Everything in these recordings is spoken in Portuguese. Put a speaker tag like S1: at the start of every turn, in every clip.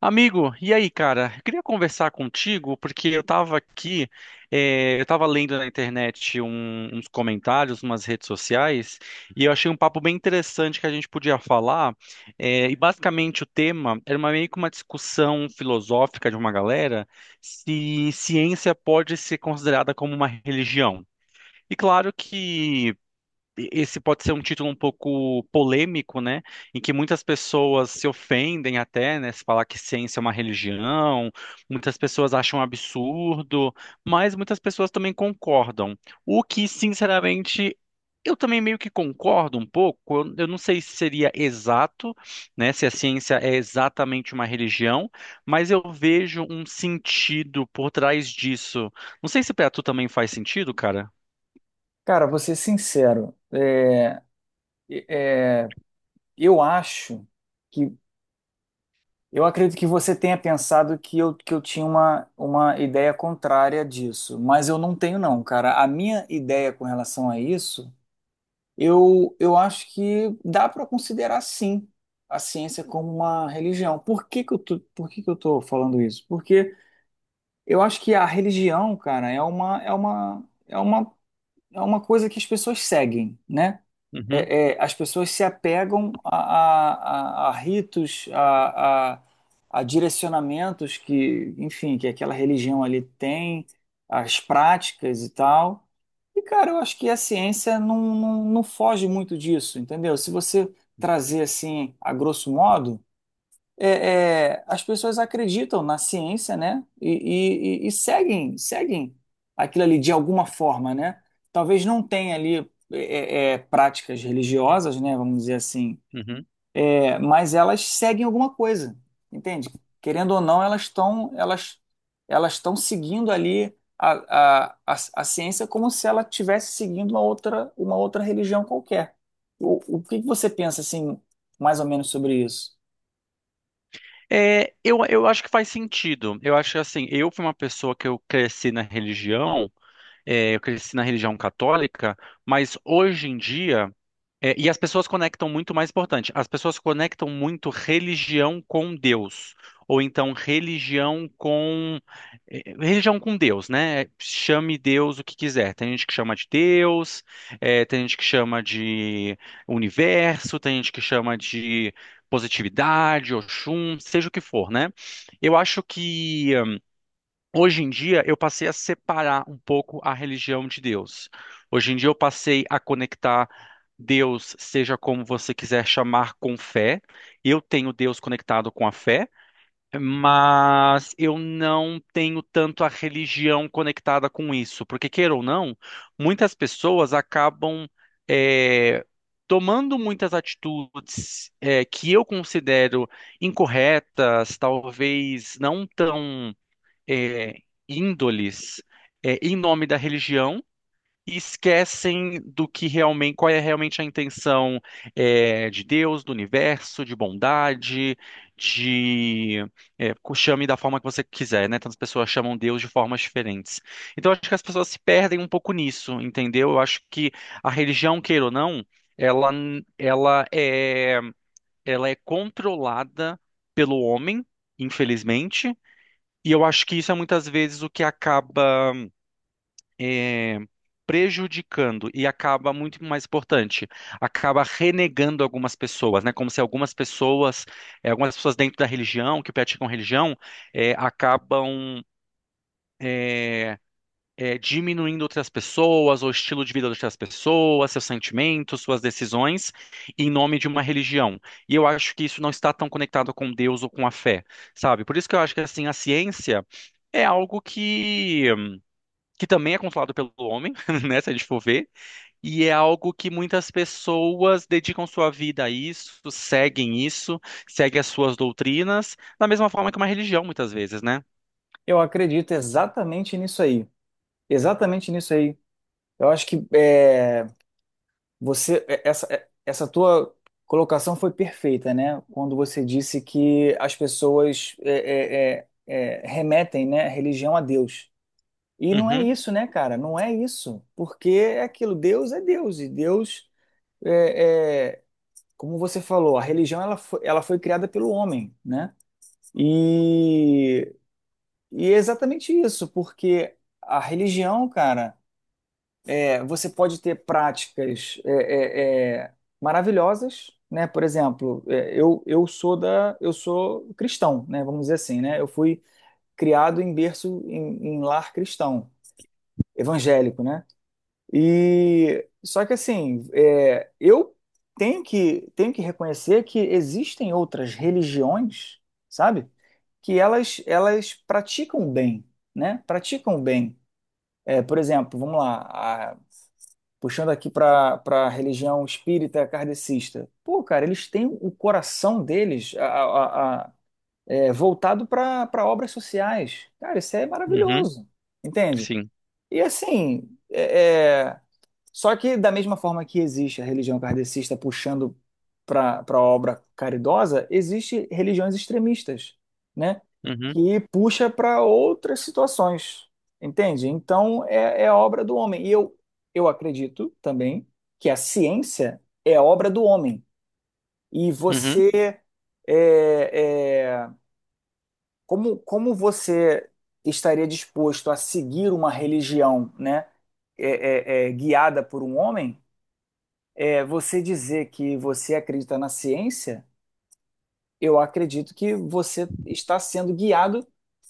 S1: Amigo, e aí, cara? Eu queria conversar contigo porque eu tava aqui, eu tava lendo na internet uns comentários, umas redes sociais, e eu achei um papo bem interessante que a gente podia falar. Eh, e basicamente o tema era meio que uma discussão filosófica de uma galera se ciência pode ser considerada como uma religião. E claro que esse pode ser um título um pouco polêmico, né? Em que muitas pessoas se ofendem até, né? Se falar que ciência é uma religião, muitas pessoas acham um absurdo, mas muitas pessoas também concordam. O que, sinceramente, eu também meio que concordo um pouco. Eu não sei se seria exato, né? Se a ciência é exatamente uma religião, mas eu vejo um sentido por trás disso. Não sei se para tu também faz sentido, cara.
S2: Cara, vou ser sincero, é, eu acho que eu acredito que você tenha pensado que eu tinha uma ideia contrária disso, mas eu não tenho não, cara. A minha ideia com relação a isso, eu acho que dá para considerar sim a ciência como uma religião. Por que que eu tô falando isso? Porque eu acho que a religião, cara, é uma é uma coisa que as pessoas seguem, né?
S1: Uhum,
S2: As pessoas se apegam a ritos, a direcionamentos que, enfim, que aquela religião ali tem, as práticas e tal. E, cara, eu acho que a ciência não foge muito disso, entendeu? Se você trazer assim, a grosso modo as pessoas acreditam na ciência, né? E seguem aquilo ali de alguma forma, né? Talvez não tenha ali práticas religiosas, né? Vamos dizer assim.
S1: uhum.
S2: É, mas elas seguem alguma coisa, entende? Querendo ou não, elas estão seguindo ali a, a ciência como se ela estivesse seguindo uma outra religião qualquer. O que que você pensa assim, mais ou menos sobre isso?
S1: É, eu acho que faz sentido. Eu acho que, assim, eu fui uma pessoa que eu cresci na religião, é, eu cresci na religião católica, mas hoje em dia. É, e as pessoas conectam muito, mais importante, as pessoas conectam muito religião com Deus, ou então religião com religião com Deus, né? Chame Deus o que quiser. Tem gente que chama de Deus, tem gente que chama de universo, tem gente que chama de positividade, Oxum, seja o que for, né? Eu acho que hoje em dia, eu passei a separar um pouco a religião de Deus. Hoje em dia, eu passei a conectar Deus, seja como você quiser chamar, com fé. Eu tenho Deus conectado com a fé, mas eu não tenho tanto a religião conectada com isso. Porque, queira ou não, muitas pessoas acabam, eh, tomando muitas atitudes, que eu considero incorretas, talvez não tão é, índoles é, em nome da religião e esquecem do que realmente, qual é realmente a intenção é, de Deus, do universo, de bondade, de é, chame da forma que você quiser, né? Tantas pessoas chamam Deus de formas diferentes. Então, eu acho que as pessoas se perdem um pouco nisso, entendeu? Eu acho que a religião, queira ou não, ela, ela é, ela é controlada pelo homem, infelizmente, e eu acho que isso é muitas vezes o que acaba eh, prejudicando e acaba muito mais importante, acaba renegando algumas pessoas, né? Como se algumas pessoas, algumas pessoas dentro da religião, que praticam religião, eh, acabam. eh, é, diminuindo outras pessoas, ou estilo de vida de outras pessoas, seus sentimentos, suas decisões, em nome de uma religião. E eu acho que isso não está tão conectado com Deus ou com a fé, sabe? Por isso que eu acho que assim a ciência é algo que também é controlado pelo homem, né, se a gente for ver, e é algo que muitas pessoas dedicam sua vida a isso, seguem as suas doutrinas, da mesma forma que uma religião muitas vezes, né?
S2: Eu acredito exatamente nisso aí. Exatamente nisso aí. Eu acho que você é- essa tua colocação foi perfeita, né? Quando você disse que as pessoas remetem, né, a religião a Deus. E não é
S1: Uhum,
S2: isso, né, cara? Não é isso. Porque é aquilo, Deus é Deus. E Deus, é, é, como você falou, a religião ela foi criada pelo homem, né? E, e é exatamente isso, porque a religião, cara. É, você pode ter práticas maravilhosas, né? Por exemplo, eu sou cristão, né? Vamos dizer assim, né? Eu fui criado em berço em lar cristão, evangélico, né? E só que assim, é, eu tenho que reconhecer que existem outras religiões, sabe? Que elas praticam bem, né? Praticam bem. É, por exemplo, vamos lá, puxando aqui para a religião espírita kardecista. Pô, cara, eles têm o coração deles voltado para obras sociais. Cara, isso é
S1: uhum,
S2: maravilhoso, entende?
S1: sim.
S2: E assim, só que, da mesma forma que existe a religião kardecista puxando para a obra caridosa, existe religiões extremistas, né?
S1: Uhum,
S2: Que puxa para outras situações, entende? Então, é a obra do homem. E eu acredito também que a ciência é a obra do homem. E
S1: uhum.
S2: você, é, é, como você estaria disposto a seguir uma religião, né? Guiada por um homem é você dizer que você acredita na ciência, eu acredito que você está sendo guiado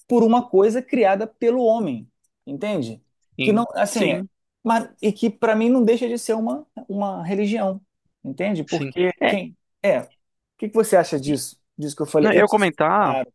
S2: por uma coisa criada pelo homem, entende? Que não,
S1: Sim,
S2: assim, é-
S1: sim,
S2: mas, e que para mim não deixa de ser uma religião, entende?
S1: sim.
S2: Porque
S1: É,
S2: quem é? O que que você acha
S1: e-
S2: disso? Disso que eu falei?
S1: não, eu
S2: Eu não
S1: ia
S2: sei se eu fui
S1: comentar.
S2: claro.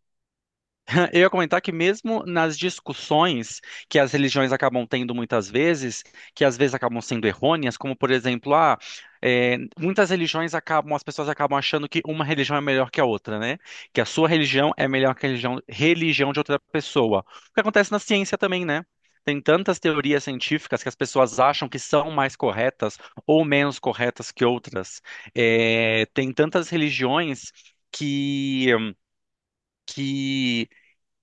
S1: Eu ia comentar que mesmo nas discussões que as religiões acabam tendo muitas vezes, que às vezes acabam sendo errôneas, como por exemplo, ah, é, muitas religiões acabam, as pessoas acabam achando que uma religião é melhor que a outra, né? Que a sua religião é melhor que a religião de outra pessoa. O que acontece na ciência também, né? Tem tantas teorias científicas que as pessoas acham que são mais corretas ou menos corretas que outras. É, tem tantas religiões que, que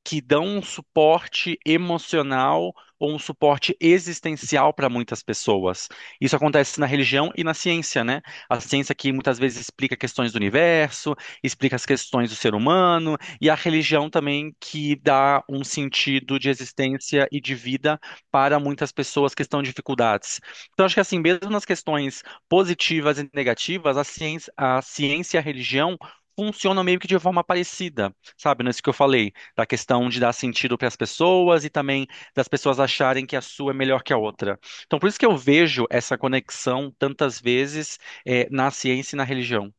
S1: que dão um suporte emocional ou um suporte existencial para muitas pessoas. Isso acontece na religião e na ciência, né? A ciência que muitas vezes explica questões do universo, explica as questões do ser humano, e a religião também que dá um sentido de existência e de vida para muitas pessoas que estão em dificuldades. Então, acho que assim, mesmo nas questões positivas e negativas, a ciência e a religião funcionam meio que de forma parecida, sabe? Nisso que eu falei da questão de dar sentido para as pessoas e também das pessoas acharem que a sua é melhor que a outra. Então, por isso que eu vejo essa conexão tantas vezes na ciência e na religião.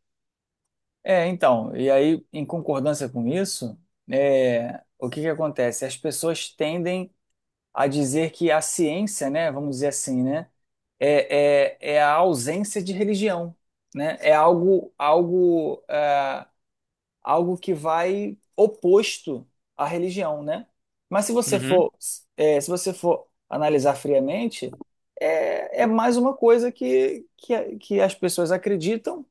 S2: É, então, e aí, em concordância com isso, é, o que que acontece? As pessoas tendem a dizer que a ciência, né, vamos dizer assim, né, é a ausência de religião, né? É algo, algo que vai oposto à religião, né? Mas se você
S1: Uhum,
S2: for, é, se você for analisar friamente, é, é mais uma coisa que as pessoas acreditam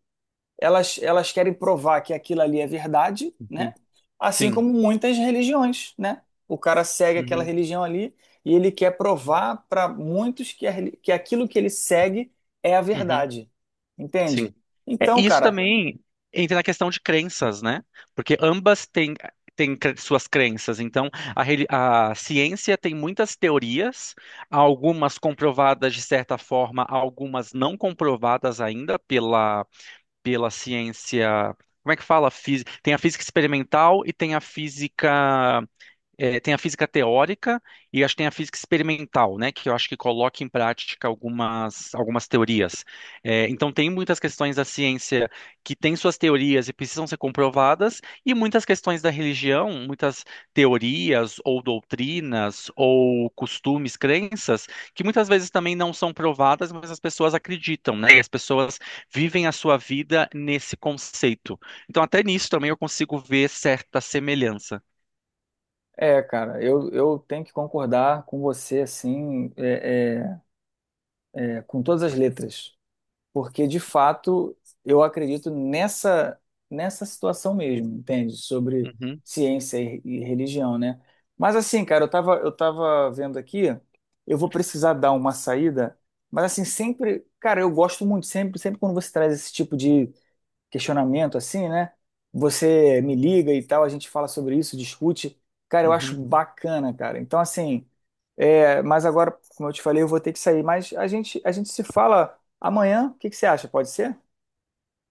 S2: elas querem provar que aquilo ali é verdade,
S1: uhum,
S2: né? Assim
S1: sim,
S2: como muitas religiões, né? O cara segue aquela
S1: uhum,
S2: religião ali e ele quer provar para muitos que, que aquilo que ele segue é a
S1: uhum,
S2: verdade,
S1: sim.
S2: entende?
S1: É,
S2: Então,
S1: e isso
S2: cara,
S1: também entra na questão de crenças, né? Porque ambas têm, suas crenças. Então, a ciência tem muitas teorias, algumas comprovadas de certa forma, algumas não comprovadas ainda pela ciência. Como é que fala? Tem a física experimental e tem a física teórica e acho que tem a física experimental, né, que eu acho que coloca em prática algumas teorias. É, então, tem muitas questões da ciência que têm suas teorias e precisam ser comprovadas, e muitas questões da religião, muitas teorias ou doutrinas ou costumes, crenças, que muitas vezes também não são provadas, mas as pessoas acreditam, né, e as pessoas vivem a sua vida nesse conceito. Então, até nisso também eu consigo ver certa semelhança.
S2: é, cara, eu tenho que concordar com você, assim, é, com todas as letras. Porque de fato eu acredito nessa situação mesmo, entende? Sobre
S1: Uhum,
S2: ciência e religião, né? Mas assim, cara, eu tava vendo aqui, eu vou precisar dar uma saída, mas assim, sempre, cara, eu gosto muito sempre quando você traz esse tipo de questionamento assim, né? Você me liga e tal, a gente fala sobre isso, discute. Cara, eu acho
S1: uhum.
S2: bacana, cara. Então, assim, é, mas agora, como eu te falei, eu vou ter que sair. Mas a gente se fala amanhã. O que que você acha? Pode ser?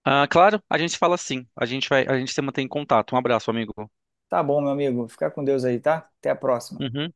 S1: Ah, claro, a gente fala sim. A gente vai, a gente se mantém em contato. Um abraço, amigo.
S2: Tá bom, meu amigo. Fica com Deus aí, tá? Até a próxima.
S1: Uhum.